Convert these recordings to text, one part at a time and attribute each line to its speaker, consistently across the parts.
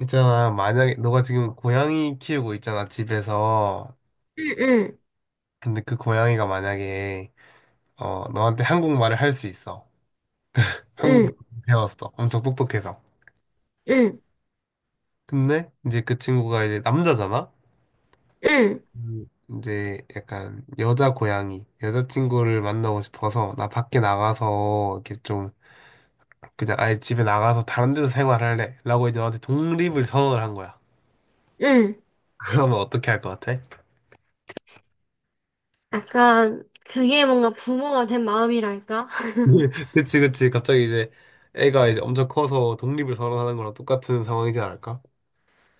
Speaker 1: 있잖아, 만약에, 너가 지금 고양이 키우고 있잖아, 집에서.
Speaker 2: 응,
Speaker 1: 근데 그 고양이가 만약에, 너한테 한국말을 할 수 있어.
Speaker 2: 응,
Speaker 1: 한국말 배웠어. 엄청 똑똑해서.
Speaker 2: 응,
Speaker 1: 근데 이제 그 친구가 이제 남자잖아?
Speaker 2: 응,
Speaker 1: 음, 이제 약간 여자 고양이, 여자친구를 만나고 싶어서 나 밖에 나가서 이렇게 좀 그냥 아예 집에 나가서 다른 데서 생활할래. 라고 이제 너한테 독립을 선언을 한 거야.
Speaker 2: 응.
Speaker 1: 그러면 어떻게 할 것 같아?
Speaker 2: 약간 그게 뭔가 부모가 된 마음이랄까?
Speaker 1: 그치, 그치. 갑자기 이제 애가 이제 엄청 커서 독립을 선언하는 거랑 똑같은 상황이지 않을까?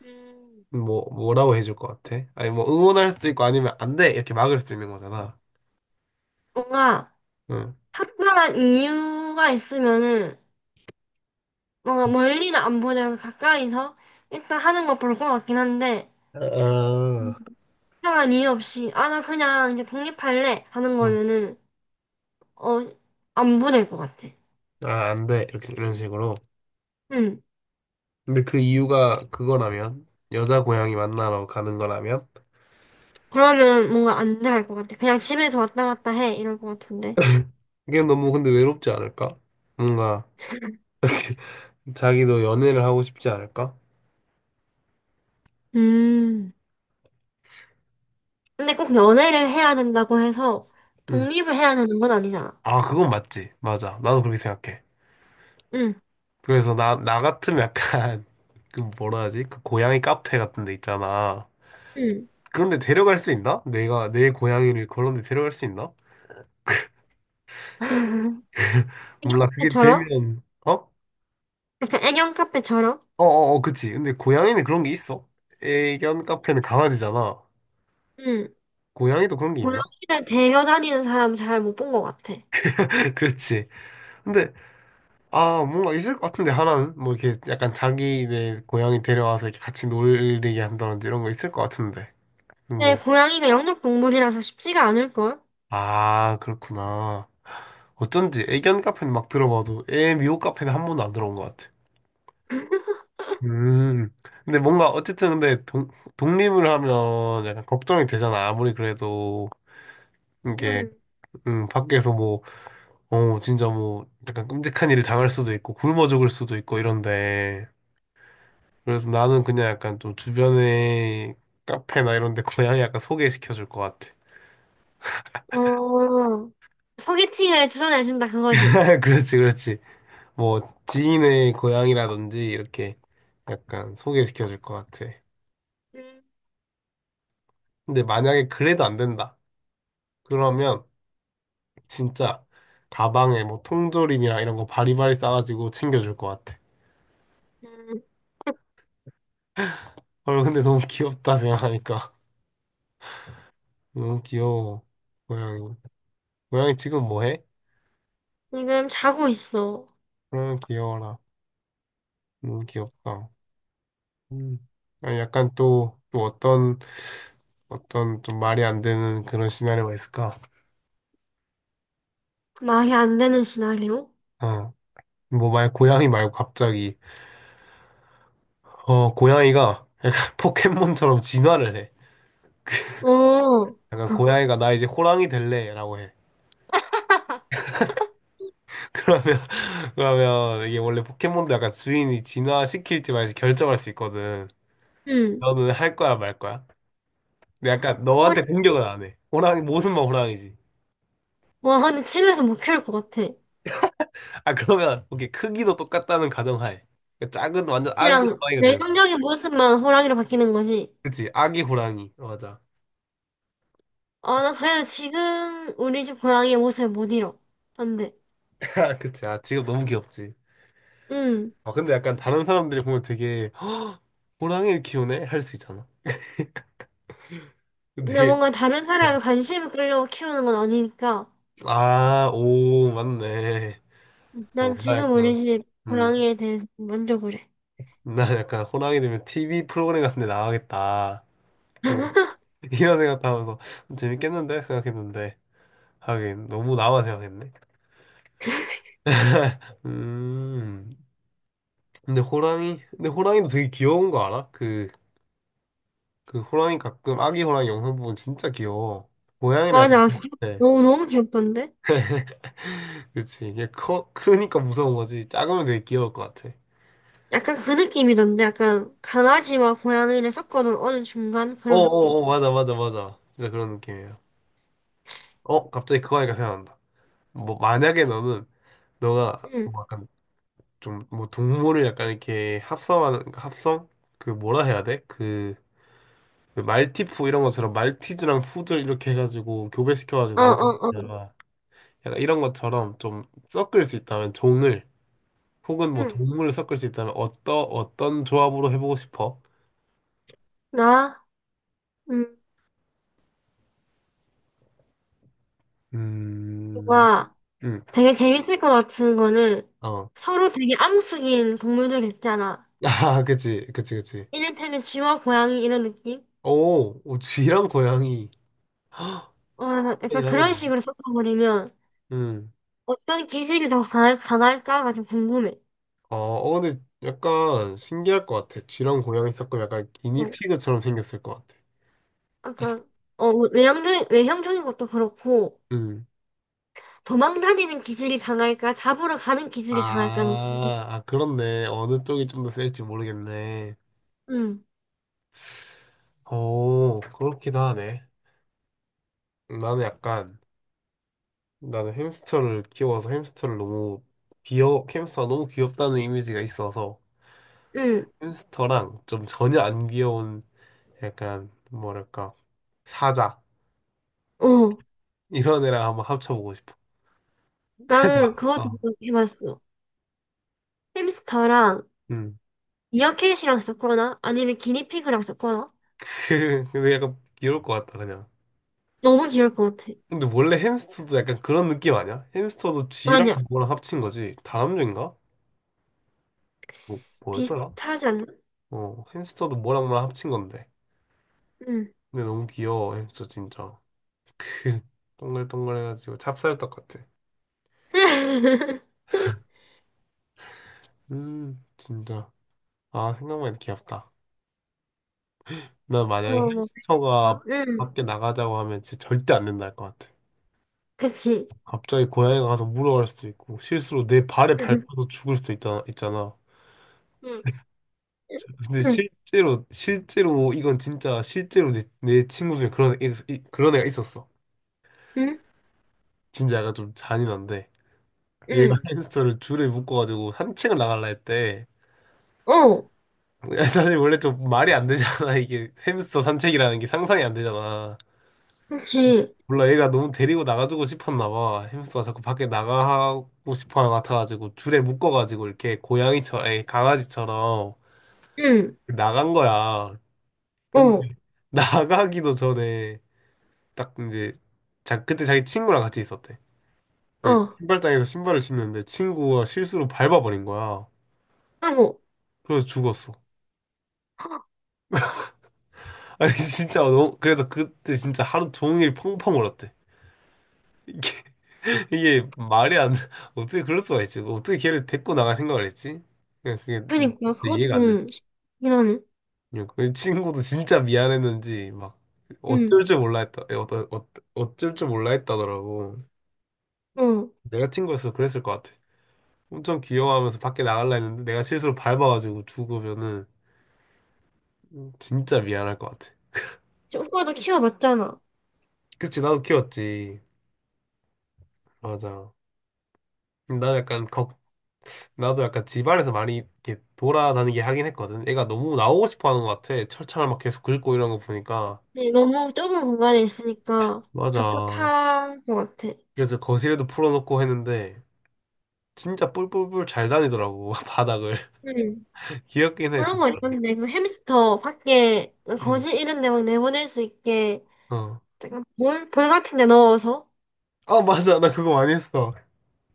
Speaker 2: 음.
Speaker 1: 뭐라고 해줄 것 같아? 아니, 뭐, 응원할 수도 있고 아니면 안 돼! 이렇게 막을 수도 있는 거잖아.
Speaker 2: 뭔가
Speaker 1: 응.
Speaker 2: 특별한 이유가 있으면은 뭔가 멀리는 안 보내고 가까이서 일단 하는 거 볼 것 같긴 한데.
Speaker 1: 아,
Speaker 2: 음. 특별한 이유 없이 아 나 그냥 이제 독립할래 하는
Speaker 1: 응.
Speaker 2: 거면은 어 안 보낼 것 같아.
Speaker 1: 아, 안 돼. 이렇게, 이런 식으로.
Speaker 2: 응.
Speaker 1: 근데 그 이유가 그거라면, 여자 고양이 만나러 가는 거라면,
Speaker 2: 그러면 뭔가 안 될 것 같아. 그냥 집에서 왔다 갔다 해 이럴 것 같은데.
Speaker 1: 그게 너무 근데 외롭지 않을까? 뭔가, 자기도 연애를 하고 싶지 않을까?
Speaker 2: 음. 근데 꼭 연애를 해야 된다고 해서
Speaker 1: 응.
Speaker 2: 독립을 해야 되는 건 아니잖아.
Speaker 1: 아, 그건 맞지. 맞아. 나도 그렇게 생각해.
Speaker 2: 응,
Speaker 1: 그래서 나 같으면 약간, 그 뭐라 하지? 그 고양이 카페 같은 데 있잖아.
Speaker 2: 응.
Speaker 1: 그런데 데려갈 수 있나? 내가 내 고양이를 그런 데 데려갈 수 있나?
Speaker 2: 애견
Speaker 1: 몰라, 그게
Speaker 2: 카페처럼?
Speaker 1: 되면, 어?
Speaker 2: 약간 애견 카페처럼?
Speaker 1: 어어어, 그치. 근데 고양이는 그런 게 있어. 애견 카페는 강아지잖아.
Speaker 2: 응.
Speaker 1: 고양이도 그런 게 있나?
Speaker 2: 고양이를 데려 다니는 사람 잘 못 본 것 같아.
Speaker 1: 그렇지. 근데, 아, 뭔가 있을 것 같은데, 하나는? 뭐 이렇게 약간 자기네 고양이 데려와서 이렇게 같이 놀게 한다든지 이런 거 있을 것 같은데. 뭐,
Speaker 2: 근데 고양이가 영역동물이라서 쉽지가 않을걸?
Speaker 1: 아, 그렇구나. 어쩐지 애견 카페는 막 들어봐도 애 미호 카페는 한 번도 안 들어온 것 같아. 음. 근데 뭔가 어쨌든 근데 독, 독립을 하면 약간 걱정이 되잖아. 아무리 그래도 이게
Speaker 2: 응.
Speaker 1: 밖에서 뭐, 진짜 뭐 약간 끔찍한 일을 당할 수도 있고 굶어 죽을 수도 있고 이런데. 그래서 나는 그냥 약간 좀 주변에 카페나 이런 데 고양이 약간 소개시켜 줄 것 같아.
Speaker 2: 어, 소개팅을 추천해준다 그거지.
Speaker 1: 그렇지, 그렇지. 뭐 지인의 고향이라든지 이렇게 약간 소개시켜 줄 것 같아.
Speaker 2: 응.
Speaker 1: 근데 만약에 그래도 안 된다. 그러면 진짜 가방에 뭐 통조림이랑 이런 거 바리바리 싸가지고 챙겨줄 것 같아.
Speaker 2: 응.
Speaker 1: 헐, 근데 너무 귀엽다 생각하니까. 너무 귀여워. 고양이. 고양이 지금 뭐 해?
Speaker 2: 지금 자고 있어.
Speaker 1: 응, 귀여워라. 너무 귀엽다. 음. 아니, 약간 또 어떤, 어떤 좀 말이 안 되는 그런 시나리오가 있을까?
Speaker 2: 말이 안 되는 시나리오?
Speaker 1: 어. 뭐 만약 고양이 말고 갑자기 고양이가 약간 포켓몬처럼 진화를 해.
Speaker 2: 어.
Speaker 1: 약간 고양이가 나 이제 호랑이 될래라고 해. 그러면 그러면 이게 원래 포켓몬도 약간 주인이 진화시킬지 말지 결정할 수 있거든.
Speaker 2: 응.
Speaker 1: 너는 할 거야 말 거야? 근데 약간
Speaker 2: 호랑,
Speaker 1: 너한테 공격은 안 해. 호랑이 모습만 호랑이지.
Speaker 2: 와, 근데 집에서 못 키울 것 같아.
Speaker 1: 아 그러면 오케이 크기도 똑같다는 가정하에 그러니까 작은 완전 아기
Speaker 2: 그냥
Speaker 1: 호랑이가 되는.
Speaker 2: 내성적인 모습만 호랑이로 바뀌는 거지.
Speaker 1: 그치 아기 호랑이 어, 맞아.
Speaker 2: 어, 나 그래서 지금 우리 집 고양이의 모습을 못 잃어. 안 돼.
Speaker 1: 그치 아 지금 너무 귀엽지.
Speaker 2: 응.
Speaker 1: 아 근데 약간 다른 사람들이 보면 되게 호랑이를 키우네 할 수 있잖아.
Speaker 2: 근데
Speaker 1: 되게
Speaker 2: 뭔가 다른
Speaker 1: 어,
Speaker 2: 사람의 관심을 끌려고 키우는 건 아니니까.
Speaker 1: 아, 오, 맞네. 어,
Speaker 2: 난
Speaker 1: 나
Speaker 2: 지금 우리
Speaker 1: 약간,
Speaker 2: 집
Speaker 1: 음,
Speaker 2: 고양이에 대해서 만족을 해.
Speaker 1: 나 약간 호랑이 되면 TV 프로그램 같은 데 나가겠다. 음, 이런 생각도 하면서 재밌겠는데? 생각했는데. 하긴, 너무 나만 생각했네. 음, 근데 호랑이도 되게 귀여운 거 알아? 그, 그 호랑이 가끔 아기 호랑이 영상 보면 진짜 귀여워. 고양이는
Speaker 2: 맞아.
Speaker 1: 약간,
Speaker 2: 귀엽-
Speaker 1: 네.
Speaker 2: 너무, 너무 귀엽던데?
Speaker 1: 그치. 이게 커, 크니까 무서운 거지. 작으면 되게 귀여울 것 같아.
Speaker 2: 약간 그 느낌이던데? 약간 강아지와 고양이를 섞어놓은 어느 중간 그런 느낌?
Speaker 1: 어어어, 맞아, 맞아, 맞아. 진짜 그런 느낌이야. 어, 갑자기 그거 하니까 생각난다. 뭐, 어, 만약에 너는, 너가,
Speaker 2: 응.
Speaker 1: 어, 뭐 약간, 좀, 뭐, 동물을 약간 이렇게 합성하는, 합성? 그, 뭐라 해야 돼? 그, 그 말티푸 이런 것처럼, 말티즈랑 푸들 이렇게 해가지고, 교배시켜가지고
Speaker 2: 어,
Speaker 1: 나오는
Speaker 2: 어, 어.
Speaker 1: 거잖아. 약간 이런 것처럼 좀 섞을 수 있다면, 종을, 혹은 뭐,
Speaker 2: 응.
Speaker 1: 동물을 섞을 수 있다면, 어떠 어떤 조합으로 해보고 싶어?
Speaker 2: 나? 응.
Speaker 1: 음,
Speaker 2: 좋아.
Speaker 1: 음,
Speaker 2: 되게 재밌을 것 같은 거는
Speaker 1: 어.
Speaker 2: 서로 되게 암숙인 동물들 있잖아.
Speaker 1: 아, 그치, 그치, 그치.
Speaker 2: 이를테면 쥐와 고양이 이런 느낌?
Speaker 1: 오, 오, 쥐랑 고양이. 헉,
Speaker 2: 어, 약간 그런
Speaker 1: 이하겠네
Speaker 2: 식으로 섞어버리면
Speaker 1: 음.
Speaker 2: 어떤 기질이 더 강할까가 좀 궁금해.
Speaker 1: 아, 어, 근데 약간 신기할 것 같아. 쥐랑 고양이 섞고 약간
Speaker 2: 어,
Speaker 1: 기니피그처럼 생겼을 것 같아.
Speaker 2: 약간, 어, 외형적인 것도 그렇고,
Speaker 1: 음.
Speaker 2: 도망다니는 기질이 강할까, 잡으러 가는 기질이 강할까는 궁금해.
Speaker 1: 아, 아, 그렇네. 어느 쪽이 좀 더 셀지 모르겠네.
Speaker 2: 응,
Speaker 1: 오, 그렇기도 하네. 나는 약간, 나는 햄스터를 키워서 햄스터를 너무 귀여, 햄스터가 너무 귀엽다는 이미지가 있어서
Speaker 2: 응,
Speaker 1: 햄스터랑 좀 전혀 안 귀여운 약간, 뭐랄까, 사자.
Speaker 2: 어.
Speaker 1: 이런 애랑 한번 합쳐보고 싶어.
Speaker 2: 나는 그것도
Speaker 1: 어.
Speaker 2: 해봤어. 햄스터랑
Speaker 1: 음.
Speaker 2: 미어캣이랑 섞거나 아니면 기니피그랑 섞거나
Speaker 1: 근데 약간 귀여울 것 같다 그냥.
Speaker 2: 너무 귀여울 것 같아.
Speaker 1: 근데 원래 햄스터도 약간 그런 느낌 아니야? 햄스터도 쥐랑
Speaker 2: 맞아.
Speaker 1: 뭐랑 합친 거지. 다람쥐인가? 뭐였더라?
Speaker 2: 비슷하지 않나?
Speaker 1: 어 햄스터도 뭐랑 뭐랑 합친 건데.
Speaker 2: 응.
Speaker 1: 근데 너무 귀여워 햄스터 진짜. 동글동글해가지고 찹쌀떡 같아. 진짜. 아 생각만 해도 귀엽다. 나 만약에
Speaker 2: 뭐먹
Speaker 1: 햄스터가
Speaker 2: 까 응.
Speaker 1: 밖에 나가자고 하면 진짜 절대 안 된다 할 것 같아.
Speaker 2: 그치.
Speaker 1: 갑자기 고양이가 가서 물어갈 수도 있고 실수로 내 발에
Speaker 2: 응.
Speaker 1: 밟혀서 죽을 수도 있다, 있잖아.
Speaker 2: 응.
Speaker 1: 근데
Speaker 2: 응.
Speaker 1: 실제로 이건 진짜 실제로 내 친구 중에 그런 애, 그런 애가 있었어.
Speaker 2: 응.
Speaker 1: 진짜 약간 좀 잔인한데 얘가
Speaker 2: 응.
Speaker 1: 햄스터를 줄에 묶어가지고 산책을 나갈라 했대.
Speaker 2: 어.
Speaker 1: 사실 원래 좀 말이 안 되잖아 이게 햄스터 산책이라는 게 상상이 안 되잖아.
Speaker 2: 그치.
Speaker 1: 몰라 얘가 너무 데리고 나가주고 싶었나 봐. 햄스터가 자꾸 밖에 나가고 싶어 하는 것 같아가지고 줄에 묶어가지고 이렇게 고양이처럼 아니, 강아지처럼
Speaker 2: 응.
Speaker 1: 나간 거야. 근데
Speaker 2: 어.
Speaker 1: 나가기도 전에 딱 이제 자 그때 자기 친구랑 같이 있었대. 근데
Speaker 2: 어.
Speaker 1: 신발장에서 신발을 신는데 친구가 실수로 밟아버린 거야.
Speaker 2: 아이고.
Speaker 1: 그래서 죽었어.
Speaker 2: 헉,
Speaker 1: 아니 진짜 너무 그래서 그때 진짜 하루 종일 펑펑 울었대. 이게 이게 말이 안 돼. 어떻게 그럴 수가 있지? 어떻게 걔를 데리고 나갈 생각을 했지? 그냥 그게
Speaker 2: 그니까
Speaker 1: 진짜
Speaker 2: 그것도
Speaker 1: 이해가 안 됐어.
Speaker 2: 좀 쉽긴 하네.
Speaker 1: 그 친구도 진짜 미안했는지 막
Speaker 2: 응.
Speaker 1: 어쩔 줄 몰라 했다. 어쩔 줄 몰라 했다더라고.
Speaker 2: 어.
Speaker 1: 내가 친구였어 그랬을 것 같아. 엄청 귀여워하면서 밖에 나갈라 했는데 내가 실수로 밟아가지고 죽으면은 진짜 미안할 것 같아.
Speaker 2: 오빠도 키워봤잖아.
Speaker 1: 그치, 나도 키웠지. 맞아. 나도 약간 걱, 나도 약간 집안에서 많이 이렇게 돌아다니게 하긴 했거든. 애가 너무 나오고 싶어 하는 것 같아. 철창을 막 계속 긁고 이런 거 보니까.
Speaker 2: 근데 너무 좁은 공간에 있으니까
Speaker 1: 맞아.
Speaker 2: 답답한 것 같아.
Speaker 1: 그래서 거실에도 풀어놓고 했는데 진짜 뿔뿔뿔 잘 다니더라고, 바닥을.
Speaker 2: 응.
Speaker 1: 귀엽긴 해,
Speaker 2: 그런
Speaker 1: 진짜.
Speaker 2: 거 있던데, 그 햄스터 밖에 그
Speaker 1: 음.
Speaker 2: 거실 이런 데 막 내보낼 수 있게
Speaker 1: 어.
Speaker 2: 내가 볼 같은 데 넣어서.
Speaker 1: 아, 맞아. 나 그거 많이 했어.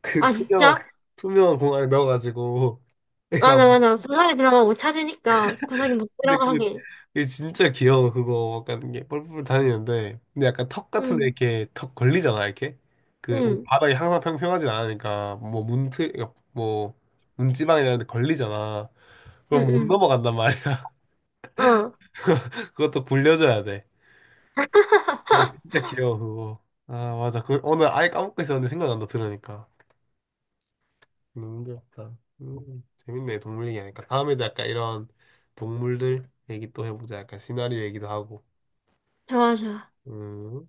Speaker 1: 그
Speaker 2: 아,
Speaker 1: 투명한,
Speaker 2: 진짜?
Speaker 1: 투명한 공간에 넣어가지고 애가
Speaker 2: 맞아, 맞아. 구석에 들어가고 찾으니까 구석에 못
Speaker 1: 근데
Speaker 2: 들어가게.
Speaker 1: 그게 진짜 귀여워 그거 약간 이게 뿔뿔 다니는데 근데 약간 턱 같은데
Speaker 2: 응,
Speaker 1: 이렇게 턱 걸리잖아 이렇게 그 뭐
Speaker 2: 응,
Speaker 1: 바닥이 항상 평평하진 않으니까 뭐 문틀 그러니까 뭐 문지방이 이런 데 걸리잖아 그럼 못
Speaker 2: 응,
Speaker 1: 넘어간단 말이야
Speaker 2: 응. 어,
Speaker 1: 그것도 굴려줘야 돼 그게 진짜 귀여워 그거 아 맞아 그 오늘 아예 까먹고 있었는데 생각난다 들으니까 너무 귀엽다 재밌네 동물 얘기하니까 다음에도 약간 이런 동물들 얘기 또 해보자 약간 시나리오 얘기도 하고
Speaker 2: 좋아, 좋아.
Speaker 1: 음.